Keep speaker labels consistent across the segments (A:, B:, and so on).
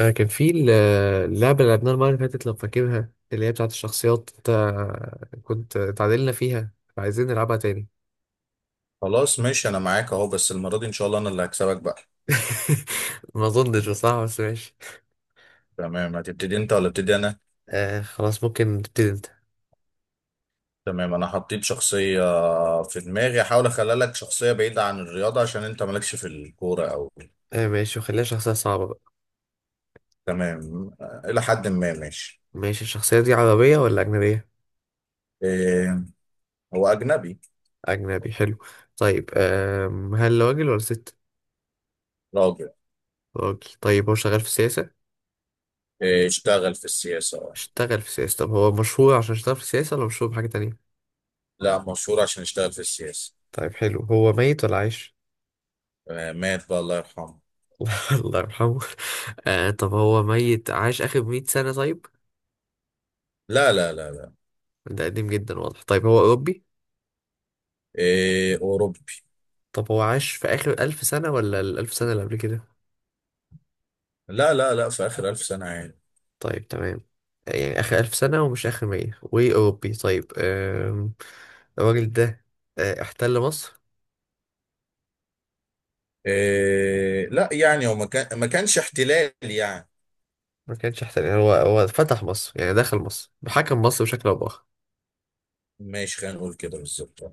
A: كان في اللعبة اللي لعبناها المرة اللي فاتت لو فاكرها اللي هي بتاعة الشخصيات. انت كنت اتعادلنا فيها فعايزين نلعبها تاني.
B: خلاص ماشي انا معاك اهو. بس المره دي ان شاء الله انا اللي هكسبك بقى.
A: ما اظنش بصراحة بس ماشي.
B: تمام، هتبتدي انت ولا ابتدي انا؟
A: آه خلاص، ممكن تبتدي انت.
B: تمام انا حطيت شخصيه في دماغي، احاول اخلي لك شخصيه بعيده عن الرياضه عشان انت مالكش في الكوره او
A: آه ماشي، وخليها شخصية صعبة بقى.
B: تمام. الى حد ما ماشي.
A: ماشي، الشخصية دي عربية ولا أجنبية؟
B: إيه، هو اجنبي.
A: أجنبي، حلو. طيب هل راجل ولا ست؟
B: راجل.
A: راجل. طيب هو شغال في السياسة؟
B: إيه، اشتغل في السياسه
A: اشتغل في السياسة. طب هو مشهور عشان اشتغل في السياسة ولا مشهور بحاجة تانية؟
B: لا مشهور عشان اشتغل في السياسه.
A: طيب حلو، هو ميت ولا عايش؟
B: مات بقى، الله يرحمه.
A: الله يرحمه. آه، طب هو ميت عاش آخر 100 سنة؟ طيب
B: لا لا لا لا.
A: ده قديم جدا واضح. طيب هو أوروبي؟
B: إيه اوروبي.
A: طب هو عاش في آخر 1000 سنة ولا الألف سنة اللي قبل كده؟
B: لا لا لا، في اخر الف سنه عادي.
A: طيب تمام، يعني آخر 1000 سنة ومش آخر 100 وأوروبي. طيب الراجل ده احتل مصر؟
B: إيه لا، يعني هو ما كانش احتلال يعني.
A: ما كانش احتل يعني، هو فتح مصر يعني، دخل مصر، حكم مصر بشكل أو بآخر.
B: ماشي خلينا نقول كده بالظبط.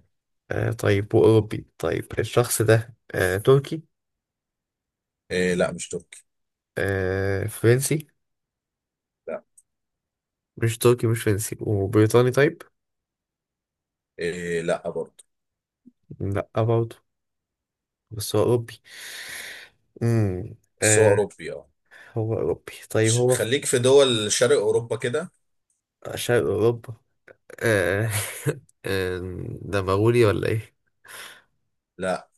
A: آه طيب، وأوروبي. طيب الشخص ده آه تركي؟
B: إيه لا، مش تركي.
A: آه فرنسي؟
B: لا.
A: مش تركي مش فرنسي وبريطاني؟ طيب
B: إيه لا برضه.
A: لا برضه. بس هو أوروبي. امم
B: بس هو
A: آه،
B: اوروبي اه.
A: هو أوروبي. طيب هو في
B: خليك في دول شرق اوروبا كده.
A: شرق أوروبا. آه آه، ده مغولي ولا إيه؟
B: لا،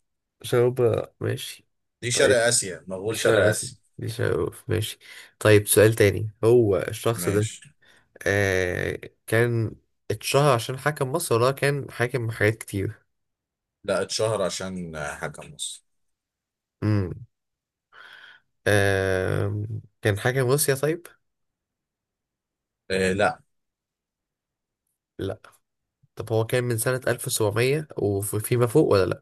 A: شرق أوروبا ماشي.
B: دي شرق
A: طيب
B: اسيا،
A: دي
B: مغول شرق
A: شرق آسيا،
B: اسيا.
A: دي شرق أوروبا ماشي. طيب سؤال تاني، هو الشخص ده
B: ماشي.
A: آه كان اتشهر عشان حكم مصر ولا هو كان حاكم حاجات كتير؟
B: لا، اتشهر عشان حاجه مصر.
A: امم آه، كان حاكم روسيا طيب؟
B: إيه لا.
A: لا. طب هو كان من سنة 1700 وفيما فوق ولا لأ؟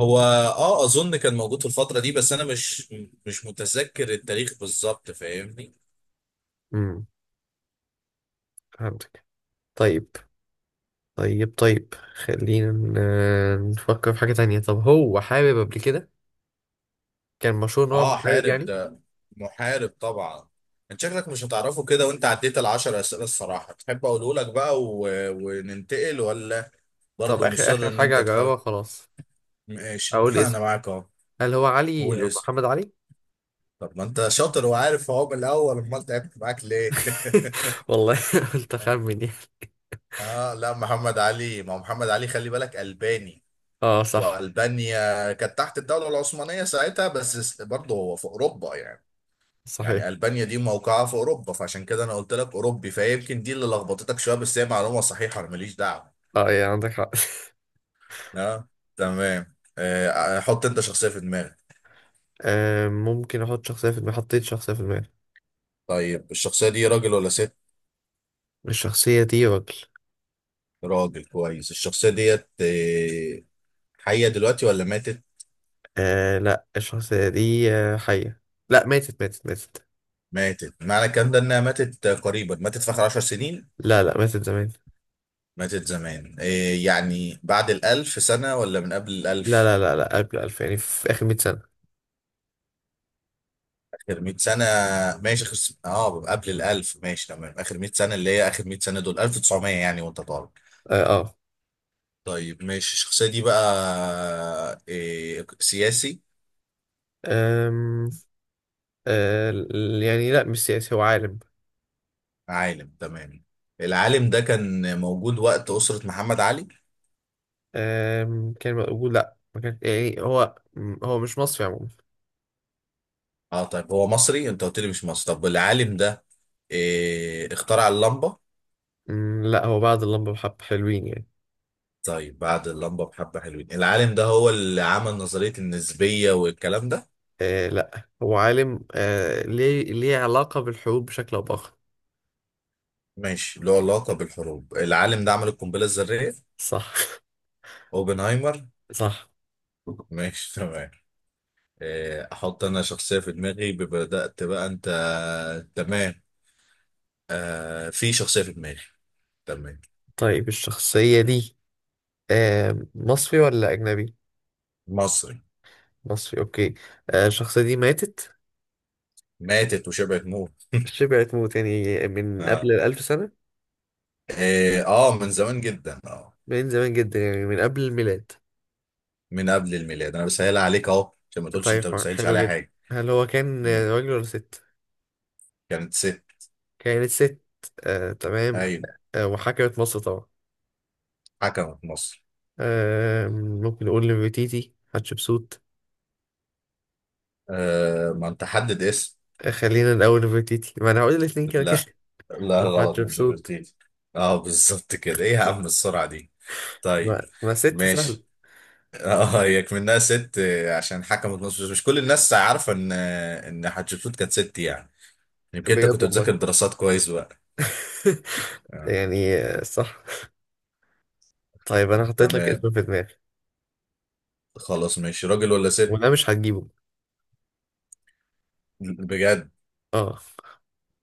B: هو اه اظن كان موجود في الفتره دي، بس انا مش متذكر التاريخ بالظبط، فاهمني.
A: امم فهمت. طيب طيب خلينا نفكر في حاجة تانية. طب هو حابب قبل كده كان مشهور إن هو
B: اه
A: محارب
B: حارب
A: يعني؟
B: ده، محارب طبعا. انت شكلك مش هتعرفه كده وانت عديت العشر اسئله، الصراحه تحب اقوله لك بقى وننتقل ولا
A: طب
B: برضه
A: آخر
B: مصر
A: آخر
B: ان انت
A: حاجة
B: تحاول؟
A: أجاوبها خلاص،
B: ماشي
A: أقول
B: انا
A: اسمه.
B: معاك اهو.
A: هل هو علي
B: قول اسم.
A: محمد علي؟
B: طب ما انت شاطر وعارف اهو من الاول، امال تعبت معاك ليه؟
A: والله قلت أخمن يعني.
B: اه لا محمد علي، ما هو محمد علي، خلي بالك الباني.
A: اه صح.
B: والبانيا كانت تحت الدوله العثمانيه ساعتها، بس برضه هو في اوروبا يعني.
A: صحيح.
B: يعني ألبانيا دي موقعها في أوروبا، فعشان كده أنا قلت لك أوروبي، فيمكن دي اللي لخبطتك شوية، بس هي معلومة صحيحة أنا ماليش دعوة.
A: اه يعني عندك حق.
B: أه. تمام، حط أنت شخصية في دماغك.
A: آه ممكن أحط شخصية في دماغي. حطيت شخصية في دماغي.
B: طيب الشخصية دي راجل ولا ست؟
A: الشخصية دي راجل.
B: راجل كويس. الشخصية ديت حية دلوقتي ولا ماتت؟
A: آه لا، الشخصية دي حية. لا، ماتت ماتت.
B: ماتت، معنى الكلام ده إنها ماتت قريبا، ماتت في آخر عشر سنين؟
A: لا ماتت زمان.
B: ماتت زمان يعني بعد الألف سنة ولا من قبل
A: لا
B: الألف؟
A: لا لا لا قبل 2000 يعني، في آخر 100 سنة.
B: اخر 100 سنه. ماشي، اه قبل ال 1000، ماشي تمام، اخر 100 سنه، اللي هي اخر 100 سنه دول 1900 يعني وانت طالب.
A: اه آه.
B: طيب ماشي، الشخصيه دي بقى إيه، سياسي؟
A: أم... يعني لا مش سياسي، هو عالم.
B: عالم. تمام، العالم ده كان موجود وقت اسره محمد علي.
A: كان بقول لا ما كان يعني، هو هو مش مصري عموما.
B: اه طيب هو مصري؟ انت قلت لي مش مصري. طب العالم ده إيه، اخترع اللمبه؟
A: لا، هو بعد اللمبة بحب حلوين يعني.
B: طيب بعد اللمبه بحبه حلوين. العالم ده هو اللي عمل نظريه النسبيه والكلام ده؟
A: آه. لا هو عالم آه. ليه علاقة بالحروب بشكل أو بآخر.
B: ماشي له علاقه بالحروب. العالم ده عمل القنبله الذريه.
A: صح
B: اوبنهايمر.
A: صح.
B: ماشي تمام. احط انا شخصية في دماغي، بدأت بقى انت. تمام. في شخصية في دماغي. تمام.
A: طيب الشخصية دي آه. مصري ولا أجنبي؟
B: مصري.
A: مصري، أوكي. آه. الشخصية دي ماتت.
B: ماتت وشبعت موت.
A: شبعت موت يعني من قبل
B: اه.
A: الألف سنة.
B: من زمان جدا اه.
A: من زمان جدا، يعني من قبل الميلاد.
B: من قبل الميلاد، انا بسهلها عليك اهو عشان ما تقولش انت ما
A: طيب
B: بتسهلش
A: حلو
B: عليها
A: جدا،
B: حاجة.
A: هل هو كان
B: مم.
A: راجل ولا ست؟
B: كانت ست.
A: كانت ست. آه، تمام.
B: ايوه.
A: آه، وحكمت مصر طبعا.
B: حكمت مصر.
A: آه، ممكن نقول نفرتيتي، حتشبسوت.
B: ما انت حدد اسم.
A: آه، خلينا الأول نفرتيتي، ما أنا هقول الاتنين كده كده.
B: لا. لا
A: طب
B: غلط، مش
A: حتشبسوت.
B: برتيتي. اه بالظبط كده، ايه يا عم السرعة دي؟
A: ما,
B: طيب
A: ما ست سهل.
B: ماشي. اه هي منها ست عشان حكمت مصر، بس مش كل الناس عارفه ان حتشبسوت كانت ست يعني. يمكن انت
A: بجد
B: كنت
A: والله.
B: بتذاكر دراسات كويس بقى. آه.
A: يعني آه، صح. طيب أنا حطيت لك
B: تمام.
A: اسم في دماغي
B: خلاص ماشي، راجل ولا ست؟
A: وأنا مش هتجيبه.
B: بجد؟
A: اه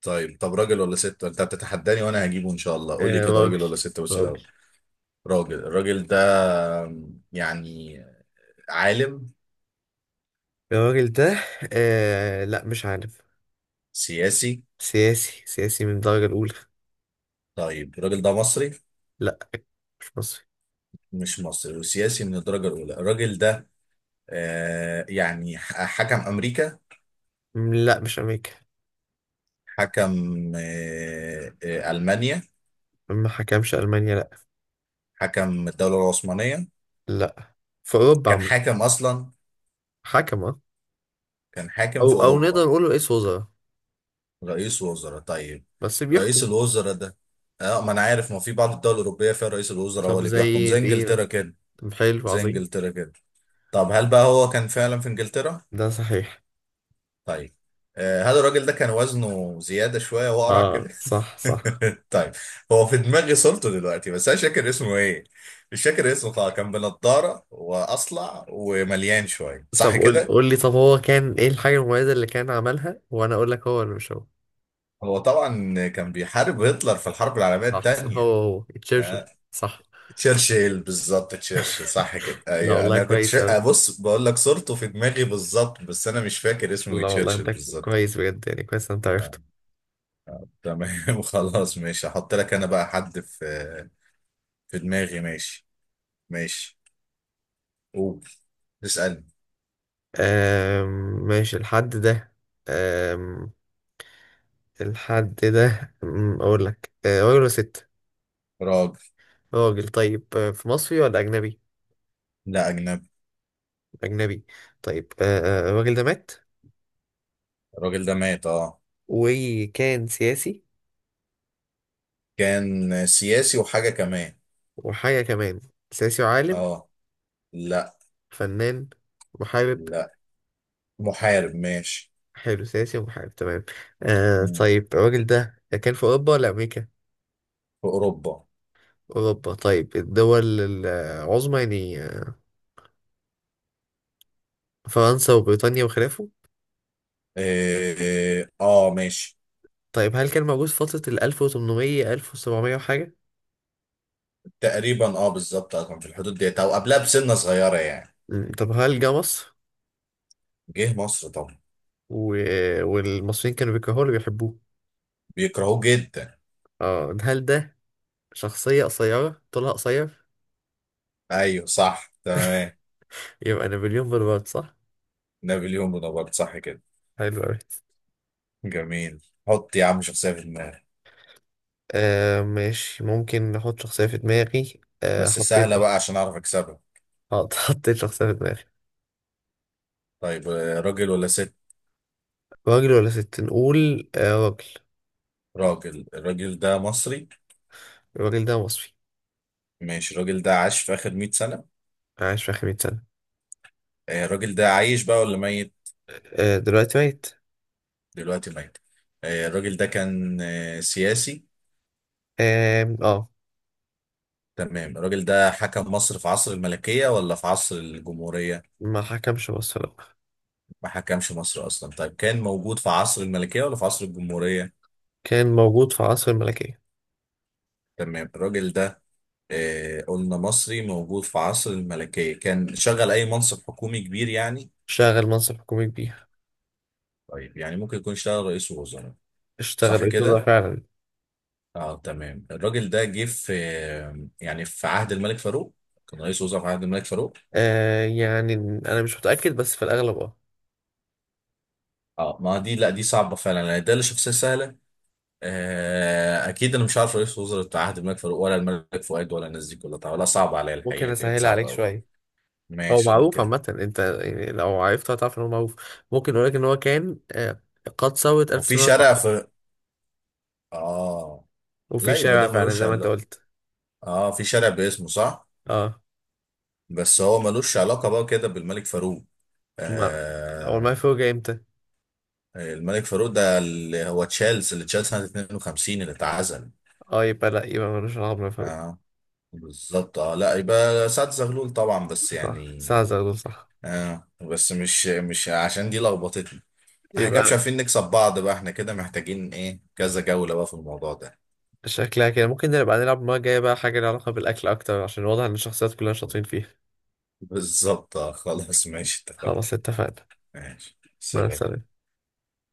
B: طيب، طب راجل ولا ست؟ انت بتتحداني وانا هجيبه ان شاء الله. قول لي
A: آه،
B: كده راجل
A: راجل.
B: ولا ست بس
A: راجل.
B: الاول. راجل. الراجل ده يعني عالم؟
A: الراجل ده آه، لا مش عارف.
B: سياسي.
A: سياسي، سياسي من الدرجة الأولى.
B: طيب الراجل ده مصري؟
A: لا مش مصري.
B: مش مصري وسياسي من الدرجه الاولى، الراجل ده يعني حكم امريكا؟
A: لا مش امريكا.
B: حكم ألمانيا؟
A: ما حكمش المانيا لا.
B: حكم الدولة العثمانية؟
A: لا، في اوروبا
B: كان
A: عم.
B: حاكم أصلا؟
A: حكم آه.
B: كان حاكم
A: او
B: في
A: او نقدر
B: أوروبا.
A: نقول رئيس وزراء.
B: رئيس وزراء طيب.
A: بس
B: رئيس
A: بيحكم.
B: الوزراء ده اه ما أنا عارف ما في بعض الدول الأوروبية فيها رئيس الوزراء هو
A: طب
B: اللي
A: زي
B: بيحكم زي
A: ايه، إيه
B: إنجلترا
A: مثلا؟
B: كده.
A: طب حلو
B: زي
A: عظيم.
B: إنجلترا كده. طب هل بقى هو كان فعلا في إنجلترا؟
A: ده صحيح.
B: طيب هل الراجل ده كان وزنه زيادة شوية وقرع كده؟
A: اه صح صح.
B: طيب، هو في دماغي صورته دلوقتي بس انا مش فاكر اسمه ايه. مش فاكر اسمه خالص، كان بنضاره واصلع ومليان شويه
A: طب
B: صح
A: قول
B: كده.
A: قول لي، طب هو كان ايه الحاجة المميزة اللي كان عملها وانا اقول لك هو ولا مش هو.
B: هو طبعا كان بيحارب هتلر في الحرب العالميه
A: صح صح، هو
B: الثانيه.
A: هو
B: آه،
A: تشرشل صح.
B: تشرشل بالظبط، تشرشل صح كده.
A: لا
B: ايوه
A: والله
B: انا كنت
A: كويس
B: شا... آه،
A: اوي.
B: بص بقول لك صورته في دماغي بالظبط، بس انا مش فاكر اسمه ايه،
A: لا والله
B: تشرشل
A: انت
B: بالظبط.
A: كويس بجد، يعني كويس إن انت
B: آه،
A: عرفته.
B: تمام خلاص ماشي، هحط لك انا بقى حد في دماغي. ماشي. ماشي. قول. اسالني.
A: آم، ماشي. الحد ده، الحد ده اقول لك آه، راجل ولا ست؟
B: راجل.
A: راجل. طيب آه، في مصري ولا اجنبي؟
B: لا اجنبي.
A: اجنبي. طيب الراجل ده مات
B: الراجل ده مات اه.
A: وكان سياسي
B: كان سياسي وحاجة كمان.
A: وحاجه كمان. سياسي وعالم؟
B: اه. لا.
A: فنان؟ محارب؟
B: لا. محارب. ماشي.
A: حلو، سياسي ومحارب تمام. آه
B: مم.
A: طيب، الراجل ده كان في اوروبا ولا امريكا؟
B: في أوروبا.
A: اوروبا طيب. الدول العظمى يعني، آه، فرنسا وبريطانيا وخلافه.
B: إيه، اه ماشي.
A: طيب هل كان موجود في فترة ال 1800 1700 وحاجة؟
B: تقريبا اه، بالظبط اه، كان في الحدود ديت او قبلها بسنة صغيرة يعني.
A: مم، طب هل جه مصر؟
B: جه مصر طبعا.
A: و... والمصريين كانوا بيكرهوه اللي بيحبوه؟
B: بيكرهوه جدا.
A: اه. هل ده شخصية قصيرة، طولها قصير؟
B: ايوه صح تمام.
A: يبقى نابليون بونابرت صح.
B: نابليون بونابرت صح كده.
A: حلو أوي.
B: جميل. حط يا عم شخصية في دماغك.
A: آه ماشي، ممكن نحط شخصية في دماغي. آه
B: بس
A: حطيت
B: سهلة
A: واحدة.
B: بقى عشان اعرف اكسبها.
A: حطيت شخصية في دماغي.
B: طيب، راجل ولا ست؟
A: راجل ولا ست؟ نقول آه راجل.
B: راجل. الراجل ده مصري.
A: الراجل ده مصري.
B: ماشي، الراجل ده عاش في آخر 100 سنة.
A: عاش في آخر 100 سنة.
B: الراجل ده عايش بقى ولا ميت؟
A: آه دلوقتي ميت.
B: دلوقتي ميت. الراجل ده كان سياسي.
A: آم، اه.
B: تمام، الراجل ده حكم مصر في عصر الملكية ولا في عصر الجمهورية؟
A: ما حكمش مصر لأ.
B: ما حكمش مصر أصلا؟ طيب كان موجود في عصر الملكية ولا في عصر الجمهورية؟
A: كان موجود في عصر الملكية.
B: تمام، الراجل ده قلنا مصري، موجود في عصر الملكية، كان شغل أي منصب حكومي كبير يعني؟
A: شغل منصب حكومي كبير.
B: طيب، يعني ممكن يكون اشتغل رئيس وزراء؟
A: اشتغل
B: صح
A: رئيس وزراء
B: كده.
A: فعلا.
B: اه تمام. الراجل ده جه في يعني في عهد الملك فاروق؟ كان رئيس وزراء في عهد الملك فاروق؟
A: آه يعني انا مش متاكد بس في الاغلب اه.
B: اه، ما دي لا دي صعبه فعلا يعني، ده اللي شخصيه سهله. آه اكيد انا مش عارف رئيس وزراء عهد الملك فاروق ولا الملك فؤاد ولا الناس دي كلها طبعا، لا صعب عليا
A: ممكن
B: الحقيقه، دي
A: اسهل
B: صعبه
A: عليك
B: قوي.
A: شويه. هو
B: ماشي قول
A: معروف
B: كده.
A: عامه، انت يعني لو عرفته هتعرف ان هو معروف. ممكن اقول لك ان هو كان آه قد ثورة
B: هو في شارع
A: 1919.
B: في اه؟ لا
A: وفي
B: يبقى
A: شارع
B: ده
A: فعلا
B: ملوش
A: زي ما انت
B: علاقه.
A: قلت.
B: اه في شارع باسمه صح،
A: اه.
B: بس هو ملوش علاقه بقى كده بالملك فاروق.
A: ما هو
B: آه.
A: المفروض جاي امتى؟
B: الملك فاروق ده اللي هو تشيلس، اللي تشيلس سنه 52 اللي اتعزل.
A: اه، يبقى لا يبقى ملوش علاقه بالمفروض.
B: اه بالظبط اه. لا يبقى سعد زغلول طبعا بس
A: صح،
B: يعني.
A: ساعه زغلول صح.
B: اه، بس مش عشان دي لخبطتني. احنا كده مش
A: يبقى
B: عارفين نكسب بعض بقى، احنا كده محتاجين ايه كذا جولة بقى في الموضوع ده.
A: شكلها كده ممكن نبقى نلعب المره الجايه بقى حاجه لها علاقه بالاكل اكتر، عشان واضح ان الشخصيات كلها شاطرين فيها.
B: بالظبط. خلاص ماشي، اتفقنا.
A: خلاص اتفقنا.
B: ماشي
A: مع
B: سلام.
A: السلامه.